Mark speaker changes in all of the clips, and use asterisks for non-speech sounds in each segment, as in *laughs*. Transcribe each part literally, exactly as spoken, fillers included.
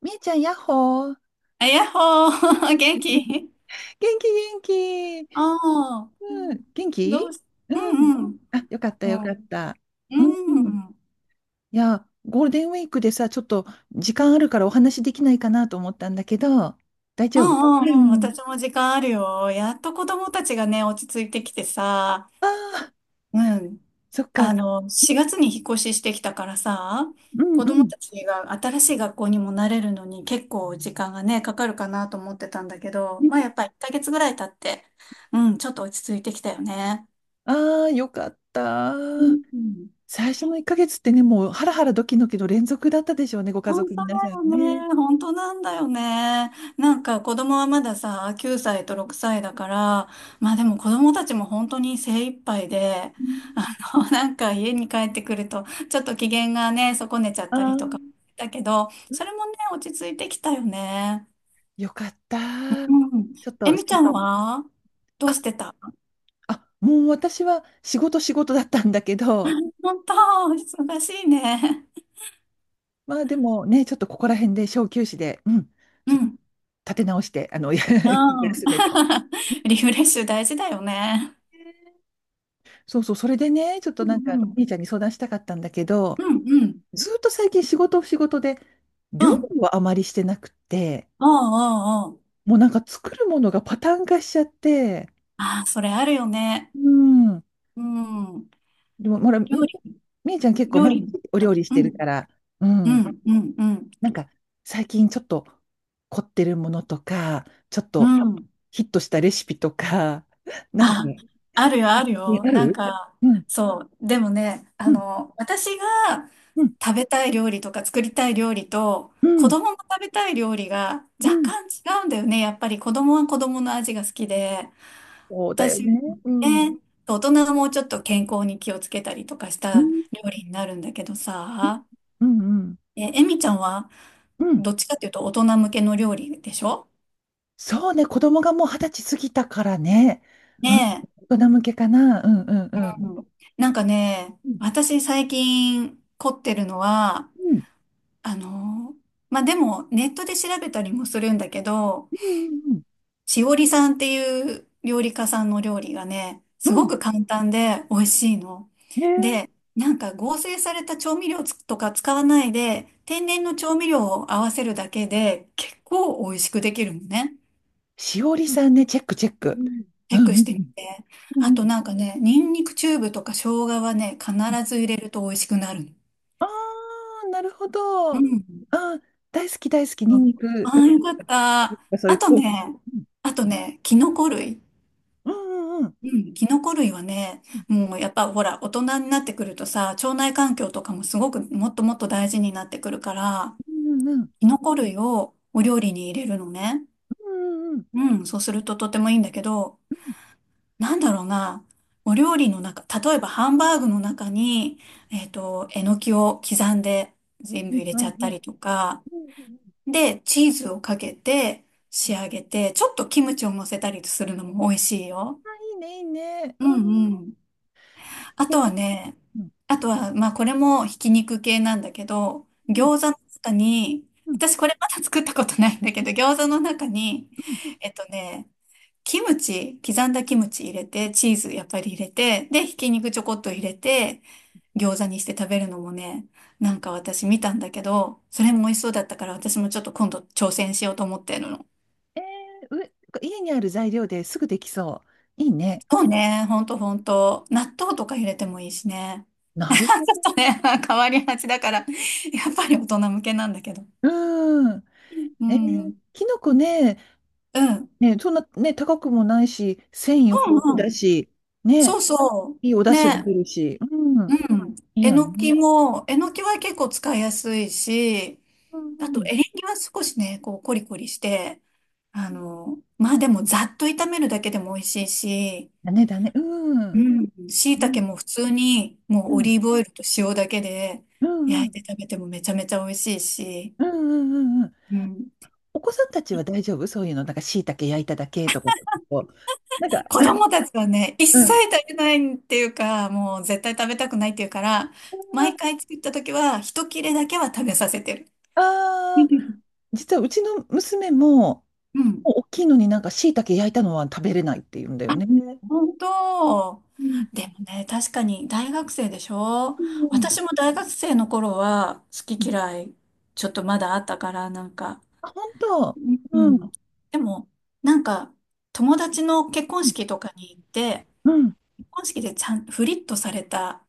Speaker 1: みえちゃん、やっほー。
Speaker 2: あ、やっほー、*laughs* 元
Speaker 1: *laughs*
Speaker 2: 気。
Speaker 1: 元気、元気。
Speaker 2: ああ
Speaker 1: う
Speaker 2: ー、
Speaker 1: ん、元
Speaker 2: ど
Speaker 1: 気
Speaker 2: うし、
Speaker 1: う
Speaker 2: う
Speaker 1: ん。
Speaker 2: んうん。
Speaker 1: あ、よかった、
Speaker 2: う
Speaker 1: よ
Speaker 2: ん、う
Speaker 1: か
Speaker 2: ん、
Speaker 1: った。う
Speaker 2: う
Speaker 1: ん。
Speaker 2: んうん。
Speaker 1: いや、ゴールデンウィークでさ、ちょっと時間あるからお話できないかなと思ったんだけど、大
Speaker 2: う
Speaker 1: 丈夫う
Speaker 2: ん、
Speaker 1: ん。
Speaker 2: 私も時間あるよ。やっと子供たちがね、落ち着いてきてさ、
Speaker 1: ああ、
Speaker 2: うん。
Speaker 1: そっか。
Speaker 2: あの、しがつに引っ越ししてきたからさ、
Speaker 1: う
Speaker 2: 子供
Speaker 1: ん
Speaker 2: たちが新しい学校にも慣れるのに結構時間がね、かかるかなと思ってたんだけど、
Speaker 1: うん。
Speaker 2: まあやっぱりいっかげつぐらい経って、うん、ちょっと落ち着いてきたよね。
Speaker 1: ああ、よかった。
Speaker 2: うん、
Speaker 1: 最初のいっかげつってね、もうハラハラドキドキの連続だったでしょうね、ご家
Speaker 2: 本
Speaker 1: 族
Speaker 2: 当
Speaker 1: 皆
Speaker 2: だ
Speaker 1: さん
Speaker 2: よ
Speaker 1: ね。
Speaker 2: ね。本当なんだよね。なんか子供はまださ、きゅうさいとろくさいだから、まあでも子供たちも本当に精一杯で、
Speaker 1: う
Speaker 2: あ
Speaker 1: ん。
Speaker 2: の、*laughs* なんか家に帰ってくると、ちょっと機嫌がね、損ねちゃった
Speaker 1: あ
Speaker 2: りとか、
Speaker 1: あ、
Speaker 2: だけど、それもね、落ち着いてきたよね。
Speaker 1: よかった。
Speaker 2: うん。
Speaker 1: ちょっ
Speaker 2: え
Speaker 1: と、
Speaker 2: みちゃんはど
Speaker 1: あ
Speaker 2: うしてた？
Speaker 1: あもう私は仕事仕事だったんだけど、
Speaker 2: 本当、忙しいね。
Speaker 1: まあでもね、ちょっとここら辺で小休止で、うん、
Speaker 2: う
Speaker 1: ちょっと
Speaker 2: ん。
Speaker 1: 立て直して、あの、*laughs*
Speaker 2: うん。
Speaker 1: 休めて。
Speaker 2: *laughs* リフレッシュ大事だよね。
Speaker 1: そうそう、それでね、ちょっと
Speaker 2: う
Speaker 1: なんか、
Speaker 2: んうん。
Speaker 1: 兄ちゃんに相談したかったんだけど、
Speaker 2: うんうん。
Speaker 1: ずっと最近仕事仕事で、
Speaker 2: う
Speaker 1: 料
Speaker 2: ん
Speaker 1: 理はあまりしてなくて、
Speaker 2: うんうんうん。
Speaker 1: もうなんか作るものがパターン化しちゃって、
Speaker 2: ああ、それあるよね。
Speaker 1: うん。
Speaker 2: うん。
Speaker 1: でも、ほら、み
Speaker 2: 料理、
Speaker 1: みーちゃん結構
Speaker 2: 料
Speaker 1: 毎日
Speaker 2: 理。
Speaker 1: お
Speaker 2: う
Speaker 1: 料理してるか
Speaker 2: ん、
Speaker 1: ら、う
Speaker 2: う
Speaker 1: ん。
Speaker 2: ん、うん、うん。
Speaker 1: なんか最近ちょっと凝ってるものとか、ちょっ
Speaker 2: う
Speaker 1: と
Speaker 2: ん、
Speaker 1: ヒットしたレシピとか、*laughs* なんか、
Speaker 2: あ、
Speaker 1: ね、
Speaker 2: あるよ、あるよ。
Speaker 1: あ
Speaker 2: なん
Speaker 1: る？
Speaker 2: か、
Speaker 1: うん、
Speaker 2: そう。でもね、あ
Speaker 1: うん、
Speaker 2: の、私が
Speaker 1: うん、
Speaker 2: 食べたい料理とか作りたい料理と、
Speaker 1: う
Speaker 2: 子
Speaker 1: ん、
Speaker 2: 供の食べたい料理が
Speaker 1: う
Speaker 2: 若
Speaker 1: ん。
Speaker 2: 干違うんだよね。やっぱり子供は子供の味が好きで、
Speaker 1: そうだよ
Speaker 2: 私、ね、
Speaker 1: ね。うん、うん、
Speaker 2: 大人がもうちょっと健康に気をつけたりとかし
Speaker 1: う
Speaker 2: た
Speaker 1: ん、
Speaker 2: 料理になるんだけどさ、
Speaker 1: うん、
Speaker 2: え、エミちゃんは
Speaker 1: うん。
Speaker 2: どっちかっていうと大人向けの料理でしょ？
Speaker 1: そうね、子供がもう二十歳過ぎたからね。うん、
Speaker 2: ねえ。
Speaker 1: 大人向けかな。うん、うん、うん。
Speaker 2: うん、なんかね、
Speaker 1: うん、
Speaker 2: 私最近凝ってるのは、
Speaker 1: うん、
Speaker 2: あの、まあ、でもネットで調べたりもするんだけど、
Speaker 1: うん、
Speaker 2: しおりさんっていう料理家さんの料理がね、
Speaker 1: う
Speaker 2: す
Speaker 1: ん。
Speaker 2: ご
Speaker 1: うん
Speaker 2: く簡単で美味しいの。で、
Speaker 1: ね、
Speaker 2: なんか合成された調味料つとか使わないで、天然の調味料を合わせるだけで結構美味しくできるのね。
Speaker 1: しおりさんね、チェック、チェッ
Speaker 2: う
Speaker 1: ク。
Speaker 2: ん。チ
Speaker 1: う
Speaker 2: ェッ
Speaker 1: ん、
Speaker 2: ク
Speaker 1: う
Speaker 2: し
Speaker 1: ん、
Speaker 2: てみて。
Speaker 1: うん。う
Speaker 2: あ
Speaker 1: んう
Speaker 2: と
Speaker 1: ん。
Speaker 2: なんかね、ニンニクチューブとか生姜はね、必ず入れると美味しくなる
Speaker 1: ああ、なるほど。
Speaker 2: の。う
Speaker 1: あ
Speaker 2: ん。
Speaker 1: あ、大好き大好き、
Speaker 2: そ
Speaker 1: ニ
Speaker 2: う、
Speaker 1: ンニク。
Speaker 2: あ
Speaker 1: う
Speaker 2: あ、よかった。
Speaker 1: ん、そうい
Speaker 2: あ
Speaker 1: う、
Speaker 2: と
Speaker 1: こう。
Speaker 2: ね、あとね、キノコ類。
Speaker 1: うんうんうん。
Speaker 2: うん、キノコ類はね、
Speaker 1: う
Speaker 2: もうやっぱほら、大人になってくるとさ、腸内環境とかもすごくもっともっと大事になってくるから、
Speaker 1: んうんうん。
Speaker 2: キノコ類をお料理に入れるのね。
Speaker 1: うんうん
Speaker 2: うん、そうするととてもいいんだけど、なんだろうな、お料理の中、例えばハンバーグの中に、えっと、えのきを刻んで全
Speaker 1: う
Speaker 2: 部
Speaker 1: ん。
Speaker 2: 入れち
Speaker 1: は
Speaker 2: ゃ
Speaker 1: いは
Speaker 2: っ
Speaker 1: い
Speaker 2: た
Speaker 1: はい。
Speaker 2: りとか、
Speaker 1: うんうんうん。
Speaker 2: で、チーズをかけて仕上げて、ちょっとキムチを乗せたりするのも美味しいよ。
Speaker 1: あ、いいね、いいね。
Speaker 2: う
Speaker 1: うん
Speaker 2: んうん。あ
Speaker 1: う
Speaker 2: とはね、
Speaker 1: ん
Speaker 2: あとは、まあこれもひき肉系なんだけど、
Speaker 1: うん
Speaker 2: 餃子の中に、
Speaker 1: うん
Speaker 2: 私これまだ作ったことないんだけど、餃子の中に、
Speaker 1: うん。
Speaker 2: えっとね、キムチ、刻んだキムチ入れて、チーズやっぱり入れて、で、ひき肉ちょこっと入れて、餃子にして食べるのもね、なんか私見たんだけど、それも美味しそうだったから私もちょっと今度挑戦しようと思ってるの。
Speaker 1: えー、う、家にある材料ですぐできそう。いいね。
Speaker 2: そうね、ほんとほんと。納豆とか入れてもいいしね。
Speaker 1: なるほど。
Speaker 2: とね、*laughs* 変わりがちだから、やっぱり大人向けなんだけど。
Speaker 1: うん。
Speaker 2: う
Speaker 1: え
Speaker 2: ん。う
Speaker 1: ー、
Speaker 2: ん。
Speaker 1: きのこね、
Speaker 2: うん
Speaker 1: ね、そんなね、高くもないし、繊維豊富
Speaker 2: う
Speaker 1: だ
Speaker 2: ん。
Speaker 1: し、
Speaker 2: そ
Speaker 1: ね、
Speaker 2: うそ
Speaker 1: いいお
Speaker 2: う。
Speaker 1: 出汁も
Speaker 2: ね。
Speaker 1: 出るし、う
Speaker 2: う
Speaker 1: ん、
Speaker 2: ん。
Speaker 1: いい
Speaker 2: え
Speaker 1: よ
Speaker 2: のき
Speaker 1: ね。
Speaker 2: も、えのきは結構使いやすいし、
Speaker 1: うん
Speaker 2: あ
Speaker 1: う
Speaker 2: と
Speaker 1: ん。
Speaker 2: エリンギは少しね、こうコリコリして、あの、まあでもざっと炒めるだけでも美味しいし、
Speaker 1: だねだね。う
Speaker 2: う
Speaker 1: ん。
Speaker 2: ん。椎
Speaker 1: うん
Speaker 2: 茸も普通にも
Speaker 1: う
Speaker 2: うオ
Speaker 1: ん
Speaker 2: リーブオイルと塩だけで
Speaker 1: う
Speaker 2: 焼いて
Speaker 1: ん
Speaker 2: 食べてもめちゃめちゃ美味しいし、
Speaker 1: うんうんうんうんうん。
Speaker 2: うん。
Speaker 1: お子さんたちは大丈夫？そういうの、なんか椎茸焼いただけとか、こうなんか、
Speaker 2: 子供たちはね、一
Speaker 1: う
Speaker 2: 切
Speaker 1: ん。
Speaker 2: 食べないっていうか、もう絶対食べたくないっていうから、毎回作った時は、一切れだけは食べさせてる。
Speaker 1: ああー、実はうちの娘も、
Speaker 2: うん。
Speaker 1: もう大きいのになんか椎茸焼いたのは食べれないって言うんだよ
Speaker 2: あ、
Speaker 1: ね。
Speaker 2: 本当。
Speaker 1: うん
Speaker 2: でもね、確かに大学生でしょ？
Speaker 1: うん
Speaker 2: 私も大学生の頃は好
Speaker 1: う
Speaker 2: き
Speaker 1: ん。
Speaker 2: 嫌い、ちょっとまだあったから、なんか。
Speaker 1: あ、本当。
Speaker 2: う
Speaker 1: うん。
Speaker 2: ん。
Speaker 1: う
Speaker 2: でも、なんか、友達の結婚
Speaker 1: ん
Speaker 2: 式とかに行って、
Speaker 1: うん。
Speaker 2: 結婚式でちゃん、フリットされた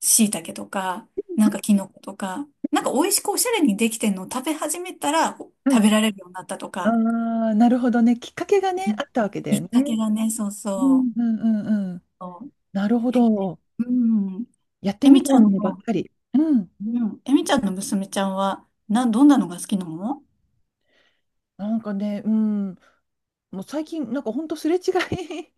Speaker 2: 椎茸とか、なんかキノコとか、なんか美味しくおしゃれにできてんのを食べ始めたらお
Speaker 1: は
Speaker 2: 食
Speaker 1: い。
Speaker 2: べられるようになったと
Speaker 1: あ
Speaker 2: か、
Speaker 1: あ、なるほどね。きっかけが
Speaker 2: う
Speaker 1: ね、
Speaker 2: ん、
Speaker 1: あったわけだ
Speaker 2: き
Speaker 1: よ
Speaker 2: っ
Speaker 1: ね。
Speaker 2: かけがね、そう
Speaker 1: う
Speaker 2: そ
Speaker 1: ん
Speaker 2: う。
Speaker 1: うんうんうん。
Speaker 2: そう、
Speaker 1: なるほ
Speaker 2: え、
Speaker 1: ど。
Speaker 2: うん。
Speaker 1: やって
Speaker 2: え
Speaker 1: み
Speaker 2: み
Speaker 1: た
Speaker 2: ち
Speaker 1: い
Speaker 2: ゃん
Speaker 1: ものばっ
Speaker 2: の、
Speaker 1: かり。うん。
Speaker 2: うん。えみちゃんの娘ちゃんは、な、どんなのが好きなの？
Speaker 1: なんかね、うん。もう最近、なんかほんとすれ違い。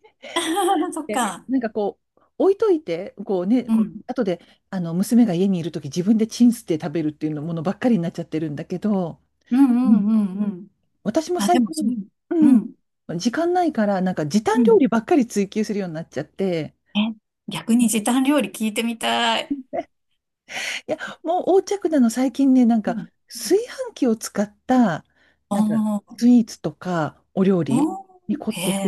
Speaker 1: *laughs*
Speaker 2: *laughs* そっ
Speaker 1: で、
Speaker 2: か。
Speaker 1: なんかこう、置いといて、こうね、
Speaker 2: うん。
Speaker 1: 後で、あの、娘が家にいるとき、自分でチンして食べるっていうのものばっかりになっちゃってるんだけど、
Speaker 2: うんう
Speaker 1: う
Speaker 2: ん
Speaker 1: ん、
Speaker 2: うんうん。
Speaker 1: 私も
Speaker 2: あ、で
Speaker 1: 最
Speaker 2: も、そう。
Speaker 1: 近、
Speaker 2: うん。
Speaker 1: うん、時間ないから、なんか時短
Speaker 2: う
Speaker 1: 料
Speaker 2: ん。
Speaker 1: 理ばっかり追求するようになっちゃって、
Speaker 2: え、逆に時短料理聞いてみたい。
Speaker 1: いや、もう横着なの、最近ね、なん
Speaker 2: う
Speaker 1: か、
Speaker 2: ん。
Speaker 1: 炊飯器を使った、なんか、
Speaker 2: おー、
Speaker 1: スイーツとか、お料
Speaker 2: お
Speaker 1: 理に
Speaker 2: ー、
Speaker 1: 凝っ
Speaker 2: へ
Speaker 1: てて、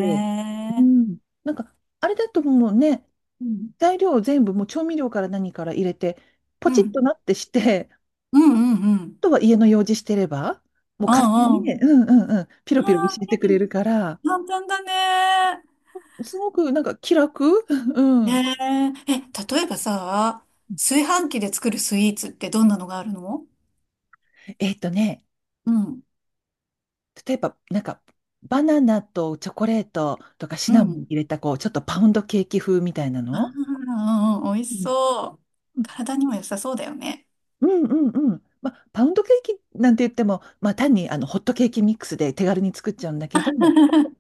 Speaker 1: う
Speaker 2: え。
Speaker 1: ん。なんか、あれだともうね、
Speaker 2: うん。
Speaker 1: 材料を全部、もう調味料から何から入れて、ポ
Speaker 2: う
Speaker 1: チッ
Speaker 2: ん
Speaker 1: となってして、あ
Speaker 2: うんうんうん。
Speaker 1: とは家の用事してれば、もう
Speaker 2: あ
Speaker 1: 勝手にね、う
Speaker 2: あ、
Speaker 1: んうんうん、ピ
Speaker 2: あ
Speaker 1: ロピロ教
Speaker 2: あ。
Speaker 1: え
Speaker 2: あ
Speaker 1: てくれるから、
Speaker 2: あ、簡単だね。
Speaker 1: すごくなんか気楽。 *laughs* う
Speaker 2: え
Speaker 1: ん。
Speaker 2: え、え、例えばさ、炊飯器で作るスイーツってどんなのがあるの？
Speaker 1: えっとね、
Speaker 2: うん。
Speaker 1: 例えば、なんか、バナナとチョコレートとかシ
Speaker 2: う
Speaker 1: ナモン
Speaker 2: ん。
Speaker 1: 入れた、こう、ちょっとパウンドケーキ風みたいな
Speaker 2: あ
Speaker 1: の。
Speaker 2: あ、うんうん、美味
Speaker 1: う
Speaker 2: し
Speaker 1: ん。
Speaker 2: そう。
Speaker 1: う
Speaker 2: 体にも良さそうだよね。
Speaker 1: んうんうん。まあ、パウンドケーキなんて言っても、まあ、単にあのホットケーキミックスで手軽に作っちゃうんだけど、
Speaker 2: *laughs*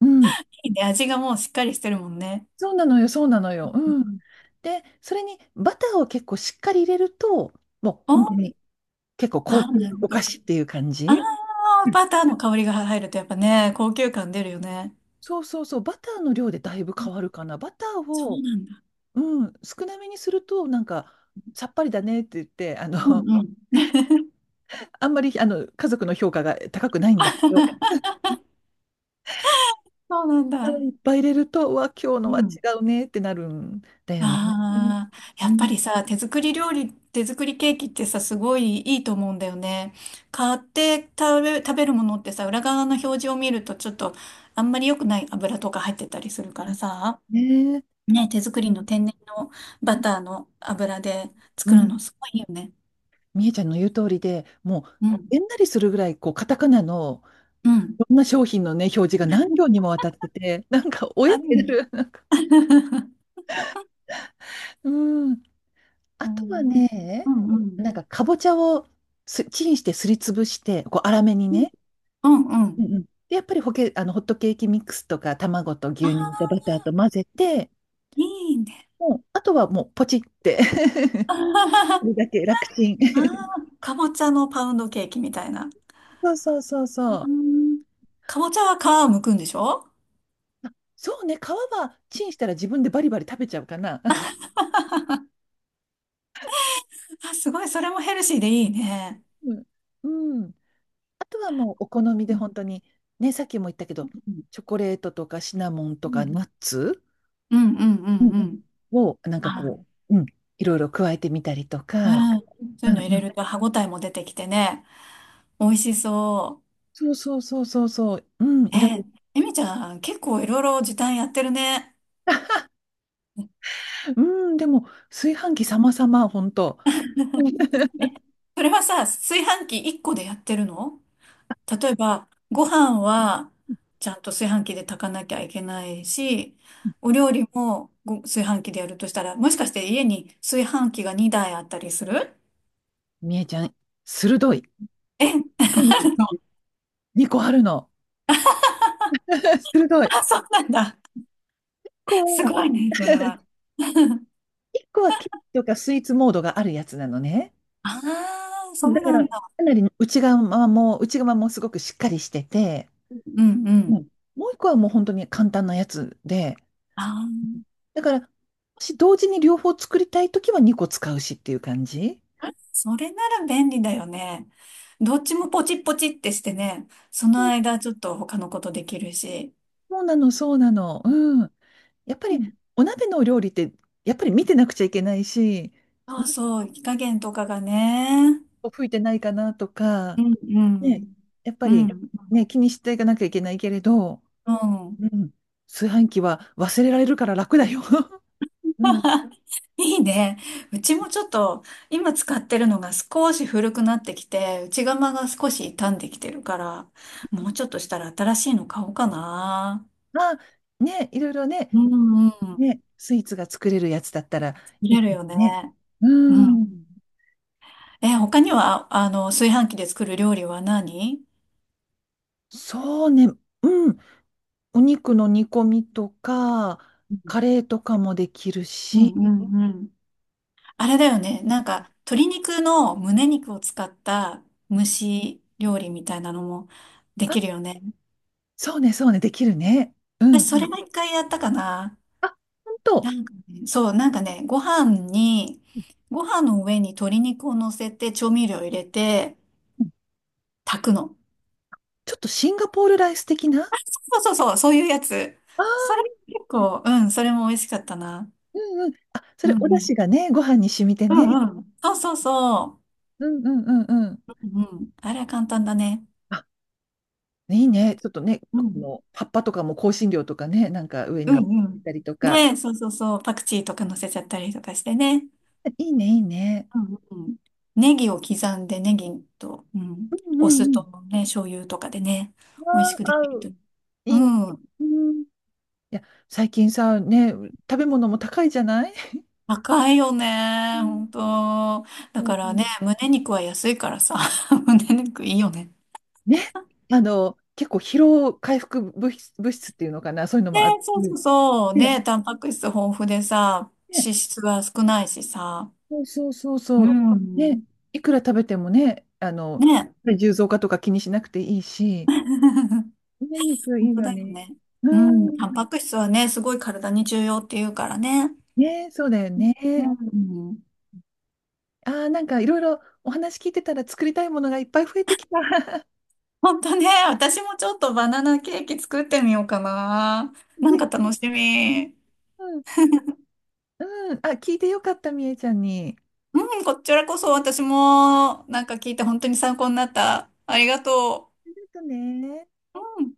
Speaker 1: うん、
Speaker 2: いいね、味がもうしっかりしてるもんね。
Speaker 1: そうなのよ、そうなのよ。うん。
Speaker 2: うん、
Speaker 1: で、それにバターを結構しっかり入れると、もう
Speaker 2: お、
Speaker 1: 本当
Speaker 2: あ
Speaker 1: に結構高
Speaker 2: あ、
Speaker 1: 級
Speaker 2: なるほ
Speaker 1: お菓
Speaker 2: ど。
Speaker 1: 子っていう感
Speaker 2: あ
Speaker 1: じ。
Speaker 2: あ、
Speaker 1: うん、
Speaker 2: バターの香りが入るとやっぱね、高級感出るよね。
Speaker 1: そうそうそう、バターの量でだいぶ
Speaker 2: うん、
Speaker 1: 変わるかな。バター
Speaker 2: そう
Speaker 1: を
Speaker 2: なんだ。
Speaker 1: うん、少なめにすると、なんか、さっぱりだねって言って、あ
Speaker 2: う
Speaker 1: の、
Speaker 2: んうん。
Speaker 1: *laughs* あんまり、あの、家族の評価が高くないんだけど、
Speaker 2: *laughs*
Speaker 1: *laughs*
Speaker 2: そうな
Speaker 1: い
Speaker 2: んだ。
Speaker 1: っぱい入れると、うわ、今日
Speaker 2: う
Speaker 1: のは違
Speaker 2: ん。
Speaker 1: うねってなるんだよね。う
Speaker 2: ああ、やっぱ
Speaker 1: ん。
Speaker 2: りさ、手作り料理、手作りケーキってさ、すごいいいと思うんだよね。買って食べ、食べるものってさ、裏側の表示を見るとちょっとあんまり良くない油とか入ってたりするからさ、
Speaker 1: ねえ。
Speaker 2: ね、手作
Speaker 1: う
Speaker 2: りの
Speaker 1: ん。
Speaker 2: 天然のバターの油で作るのすごいいいよね。
Speaker 1: みえちゃんの言う通りで、もう、
Speaker 2: うん。
Speaker 1: えんなりするぐらい、こう、カタカナの、
Speaker 2: うん。
Speaker 1: いろんな商品のね、表示が何行にもわたってて、なんか、おえ
Speaker 2: あ
Speaker 1: っ
Speaker 2: るよ
Speaker 1: てな
Speaker 2: ね。
Speaker 1: る。なんか、
Speaker 2: *laughs*
Speaker 1: うん。あ
Speaker 2: う
Speaker 1: とは
Speaker 2: ん。う
Speaker 1: ね、
Speaker 2: ん。うん。
Speaker 1: なんかかぼちゃをすチンしてすりつぶして、こう粗めにね。
Speaker 2: うんう
Speaker 1: う
Speaker 2: ん。
Speaker 1: んうん。で、やっぱりホケ、あのホットケーキミックスとか卵と
Speaker 2: あ
Speaker 1: 牛乳とバ
Speaker 2: あ、
Speaker 1: ターと混ぜて、
Speaker 2: いいね。
Speaker 1: もうあとはもうポチって。
Speaker 2: *laughs*
Speaker 1: *laughs*
Speaker 2: あ
Speaker 1: それだけ楽ちん。
Speaker 2: あ、かぼちゃのパウンドケーキみたいな。
Speaker 1: *laughs* そうそうそう
Speaker 2: う
Speaker 1: そ
Speaker 2: ー
Speaker 1: う。
Speaker 2: ん、かぼちゃは皮を剥くんでしょ？
Speaker 1: そうね、皮はチンしたら自分でバリバリ食べちゃうかな。*laughs*
Speaker 2: あ、すごい、それもヘルシーでいいね。
Speaker 1: うん。うん、あとはもうお好み
Speaker 2: う
Speaker 1: で
Speaker 2: ん
Speaker 1: 本当に、ね、さっきも言ったけど、チョコレートとかシナモン
Speaker 2: う
Speaker 1: とか
Speaker 2: ん
Speaker 1: ナッツ、
Speaker 2: うんうんう
Speaker 1: う
Speaker 2: んう
Speaker 1: ん
Speaker 2: んう
Speaker 1: う
Speaker 2: ん。
Speaker 1: ん、を、なんか
Speaker 2: あ、
Speaker 1: こう、うん、いろいろ加えてみたりと
Speaker 2: う
Speaker 1: か、
Speaker 2: ん。そう
Speaker 1: う
Speaker 2: いう
Speaker 1: ん
Speaker 2: の入
Speaker 1: う
Speaker 2: れ
Speaker 1: ん。
Speaker 2: ると歯ごたえも出てきてね、美味しそ
Speaker 1: そうそうそうそうそう、うん、
Speaker 2: う。
Speaker 1: いろ
Speaker 2: え、
Speaker 1: い
Speaker 2: えみちゃん、結構いろいろ時短やってるね。
Speaker 1: ろ、うん、でも、炊飯器様々、ほん、
Speaker 2: え、それはさ、炊飯器いっこでやってるの？例えば、ご飯はちゃんと炊飯器で炊かなきゃいけないし、お料理もご炊飯器でやるとしたら、もしかして家に炊飯器がにだいあったりする？
Speaker 1: みえちゃん、鋭い。
Speaker 2: え、
Speaker 1: にこあるの。*laughs* 鋭い。1
Speaker 2: あ、そうなんだ。
Speaker 1: 個
Speaker 2: す
Speaker 1: は、
Speaker 2: ごいね、それは。
Speaker 1: いっこはケーキとかスイーツモードがあるやつなのね。
Speaker 2: ああ、そ
Speaker 1: だ
Speaker 2: う
Speaker 1: か
Speaker 2: なん
Speaker 1: ら、か
Speaker 2: だ。
Speaker 1: なり内側も、内側もすごくしっかりしてて、
Speaker 2: うんう
Speaker 1: う
Speaker 2: ん。
Speaker 1: ん、もういっこはもう本当に簡単なやつで、
Speaker 2: ああ、
Speaker 1: だから、もし同時に両方作りたいときはにこ使うしっていう感じ。
Speaker 2: それなら便利だよね。どっちもポチッポチってしてね、その
Speaker 1: そう、
Speaker 2: 間ちょっと他のことできるし。
Speaker 1: そうなの、そうなの。うん。やっぱ
Speaker 2: う
Speaker 1: り
Speaker 2: ん、
Speaker 1: お鍋のお料理って、やっぱり見てなくちゃいけないし、
Speaker 2: そうそう、火加減とかがね。
Speaker 1: 吹いてないかなと
Speaker 2: う
Speaker 1: か、
Speaker 2: んう
Speaker 1: ね、
Speaker 2: ん。
Speaker 1: やっぱ
Speaker 2: う
Speaker 1: り、
Speaker 2: ん。
Speaker 1: ね、気にしていかなきゃいけないけれど、
Speaker 2: うん。
Speaker 1: う
Speaker 2: *laughs*
Speaker 1: ん、炊飯器は忘れられるから楽だよ。*laughs* うん。
Speaker 2: いいね。うちもちょっと、今使ってるのが少し古くなってきて、内釜が少し傷んできてるから、もうちょっとしたら新しいの買おうかな。
Speaker 1: まあ、ね、いろいろ
Speaker 2: う
Speaker 1: ね、
Speaker 2: んうん。
Speaker 1: ね、スイーツが作れるやつだったら
Speaker 2: 見
Speaker 1: いい
Speaker 2: れる
Speaker 1: かも
Speaker 2: よね。
Speaker 1: ね。う
Speaker 2: うん。
Speaker 1: ん。
Speaker 2: え、他には、あの、炊飯器で作る料理は何？
Speaker 1: そうね。うん。お肉の煮込みとか、
Speaker 2: う
Speaker 1: カレーとかもできる
Speaker 2: ん
Speaker 1: し、
Speaker 2: うんうん。あれだよね。なんか、鶏肉の胸肉を使った蒸し料理みたいなのもで
Speaker 1: あ、
Speaker 2: きるよね。
Speaker 1: そうね、そうね、できるね。うん。
Speaker 2: 私、
Speaker 1: う
Speaker 2: それ
Speaker 1: ん、
Speaker 2: が一回やったかな。
Speaker 1: あ、ほん
Speaker 2: な
Speaker 1: と、
Speaker 2: んかね、そう、なんかね、ご飯に、ご飯の上に鶏肉を乗せて調味料入れて
Speaker 1: うん、
Speaker 2: 炊くの。
Speaker 1: ちょっとシンガポールライス的な。
Speaker 2: そうそうそう、そういうやつ。
Speaker 1: あ
Speaker 2: それ
Speaker 1: ー、
Speaker 2: 結構、うん、それも美味しかったな。
Speaker 1: うんうん。あ、そ
Speaker 2: う
Speaker 1: れお
Speaker 2: んう
Speaker 1: 出
Speaker 2: ん。
Speaker 1: 汁がね、ご飯に染みて
Speaker 2: う
Speaker 1: ね。
Speaker 2: んうん。そうそうそ
Speaker 1: うんうんうんうん。
Speaker 2: う。うんうん。あれは簡単だね。
Speaker 1: あ、いいね。ちょっとね、
Speaker 2: う
Speaker 1: こ
Speaker 2: ん。
Speaker 1: の葉っぱとかも香辛料とかね、なんか上
Speaker 2: う
Speaker 1: に
Speaker 2: んう
Speaker 1: い
Speaker 2: ん。
Speaker 1: たりとか。
Speaker 2: ね、そうそうそう。パクチーとか乗せちゃったりとかしてね。
Speaker 1: いいね、いいね。
Speaker 2: うんうん。ネギを刻んで、ネギと、うん、
Speaker 1: うんう
Speaker 2: お
Speaker 1: ん
Speaker 2: 酢
Speaker 1: う
Speaker 2: と
Speaker 1: ん。
Speaker 2: ね、醤油とかでね、美味しく
Speaker 1: ああ、
Speaker 2: で
Speaker 1: 合
Speaker 2: きると
Speaker 1: う。いいね。
Speaker 2: 思う。
Speaker 1: うん。いや、最近さ、ね、食べ物も高いじゃない？
Speaker 2: 高いよ
Speaker 1: う
Speaker 2: ね。
Speaker 1: ん
Speaker 2: 本当。だ
Speaker 1: う
Speaker 2: からね、
Speaker 1: ん。
Speaker 2: 胸肉は安いからさ。*laughs* 胸肉いいよね。
Speaker 1: ね、あの、結構疲労回復物質、物質っていうのかな、そういうの
Speaker 2: ね、
Speaker 1: もあって、
Speaker 2: そうそうそう。
Speaker 1: ね、
Speaker 2: ね、タンパク質豊富でさ、
Speaker 1: ね、
Speaker 2: 脂質は少ないしさ。
Speaker 1: そうそうそう
Speaker 2: う
Speaker 1: そう、ね、
Speaker 2: ん。
Speaker 1: いくら食べてもね、あの、
Speaker 2: ね。
Speaker 1: 重増化とか気にしなくていいし、
Speaker 2: *laughs*
Speaker 1: 胸肉
Speaker 2: 本
Speaker 1: いい
Speaker 2: 当
Speaker 1: よ
Speaker 2: だよ
Speaker 1: ね。
Speaker 2: ね。
Speaker 1: う
Speaker 2: うん。タン
Speaker 1: ん、
Speaker 2: パク質はね、すごい体に重要って言うからね。
Speaker 1: ね、そうだよね。
Speaker 2: うん。
Speaker 1: ああ、なんかいろいろお話聞いてたら作りたいものがいっぱい増えてきた。*laughs*
Speaker 2: 本当ね、私もちょっとバナナケーキ作ってみようかな。なんか
Speaker 1: ね、
Speaker 2: 楽しみ。
Speaker 1: うん、うん、あ、聞いてよかった、みえちゃんに。
Speaker 2: うん、こちらこそ私もなんか聞いて本当に参考になった。ありがと
Speaker 1: ありがとうね。
Speaker 2: う。うん。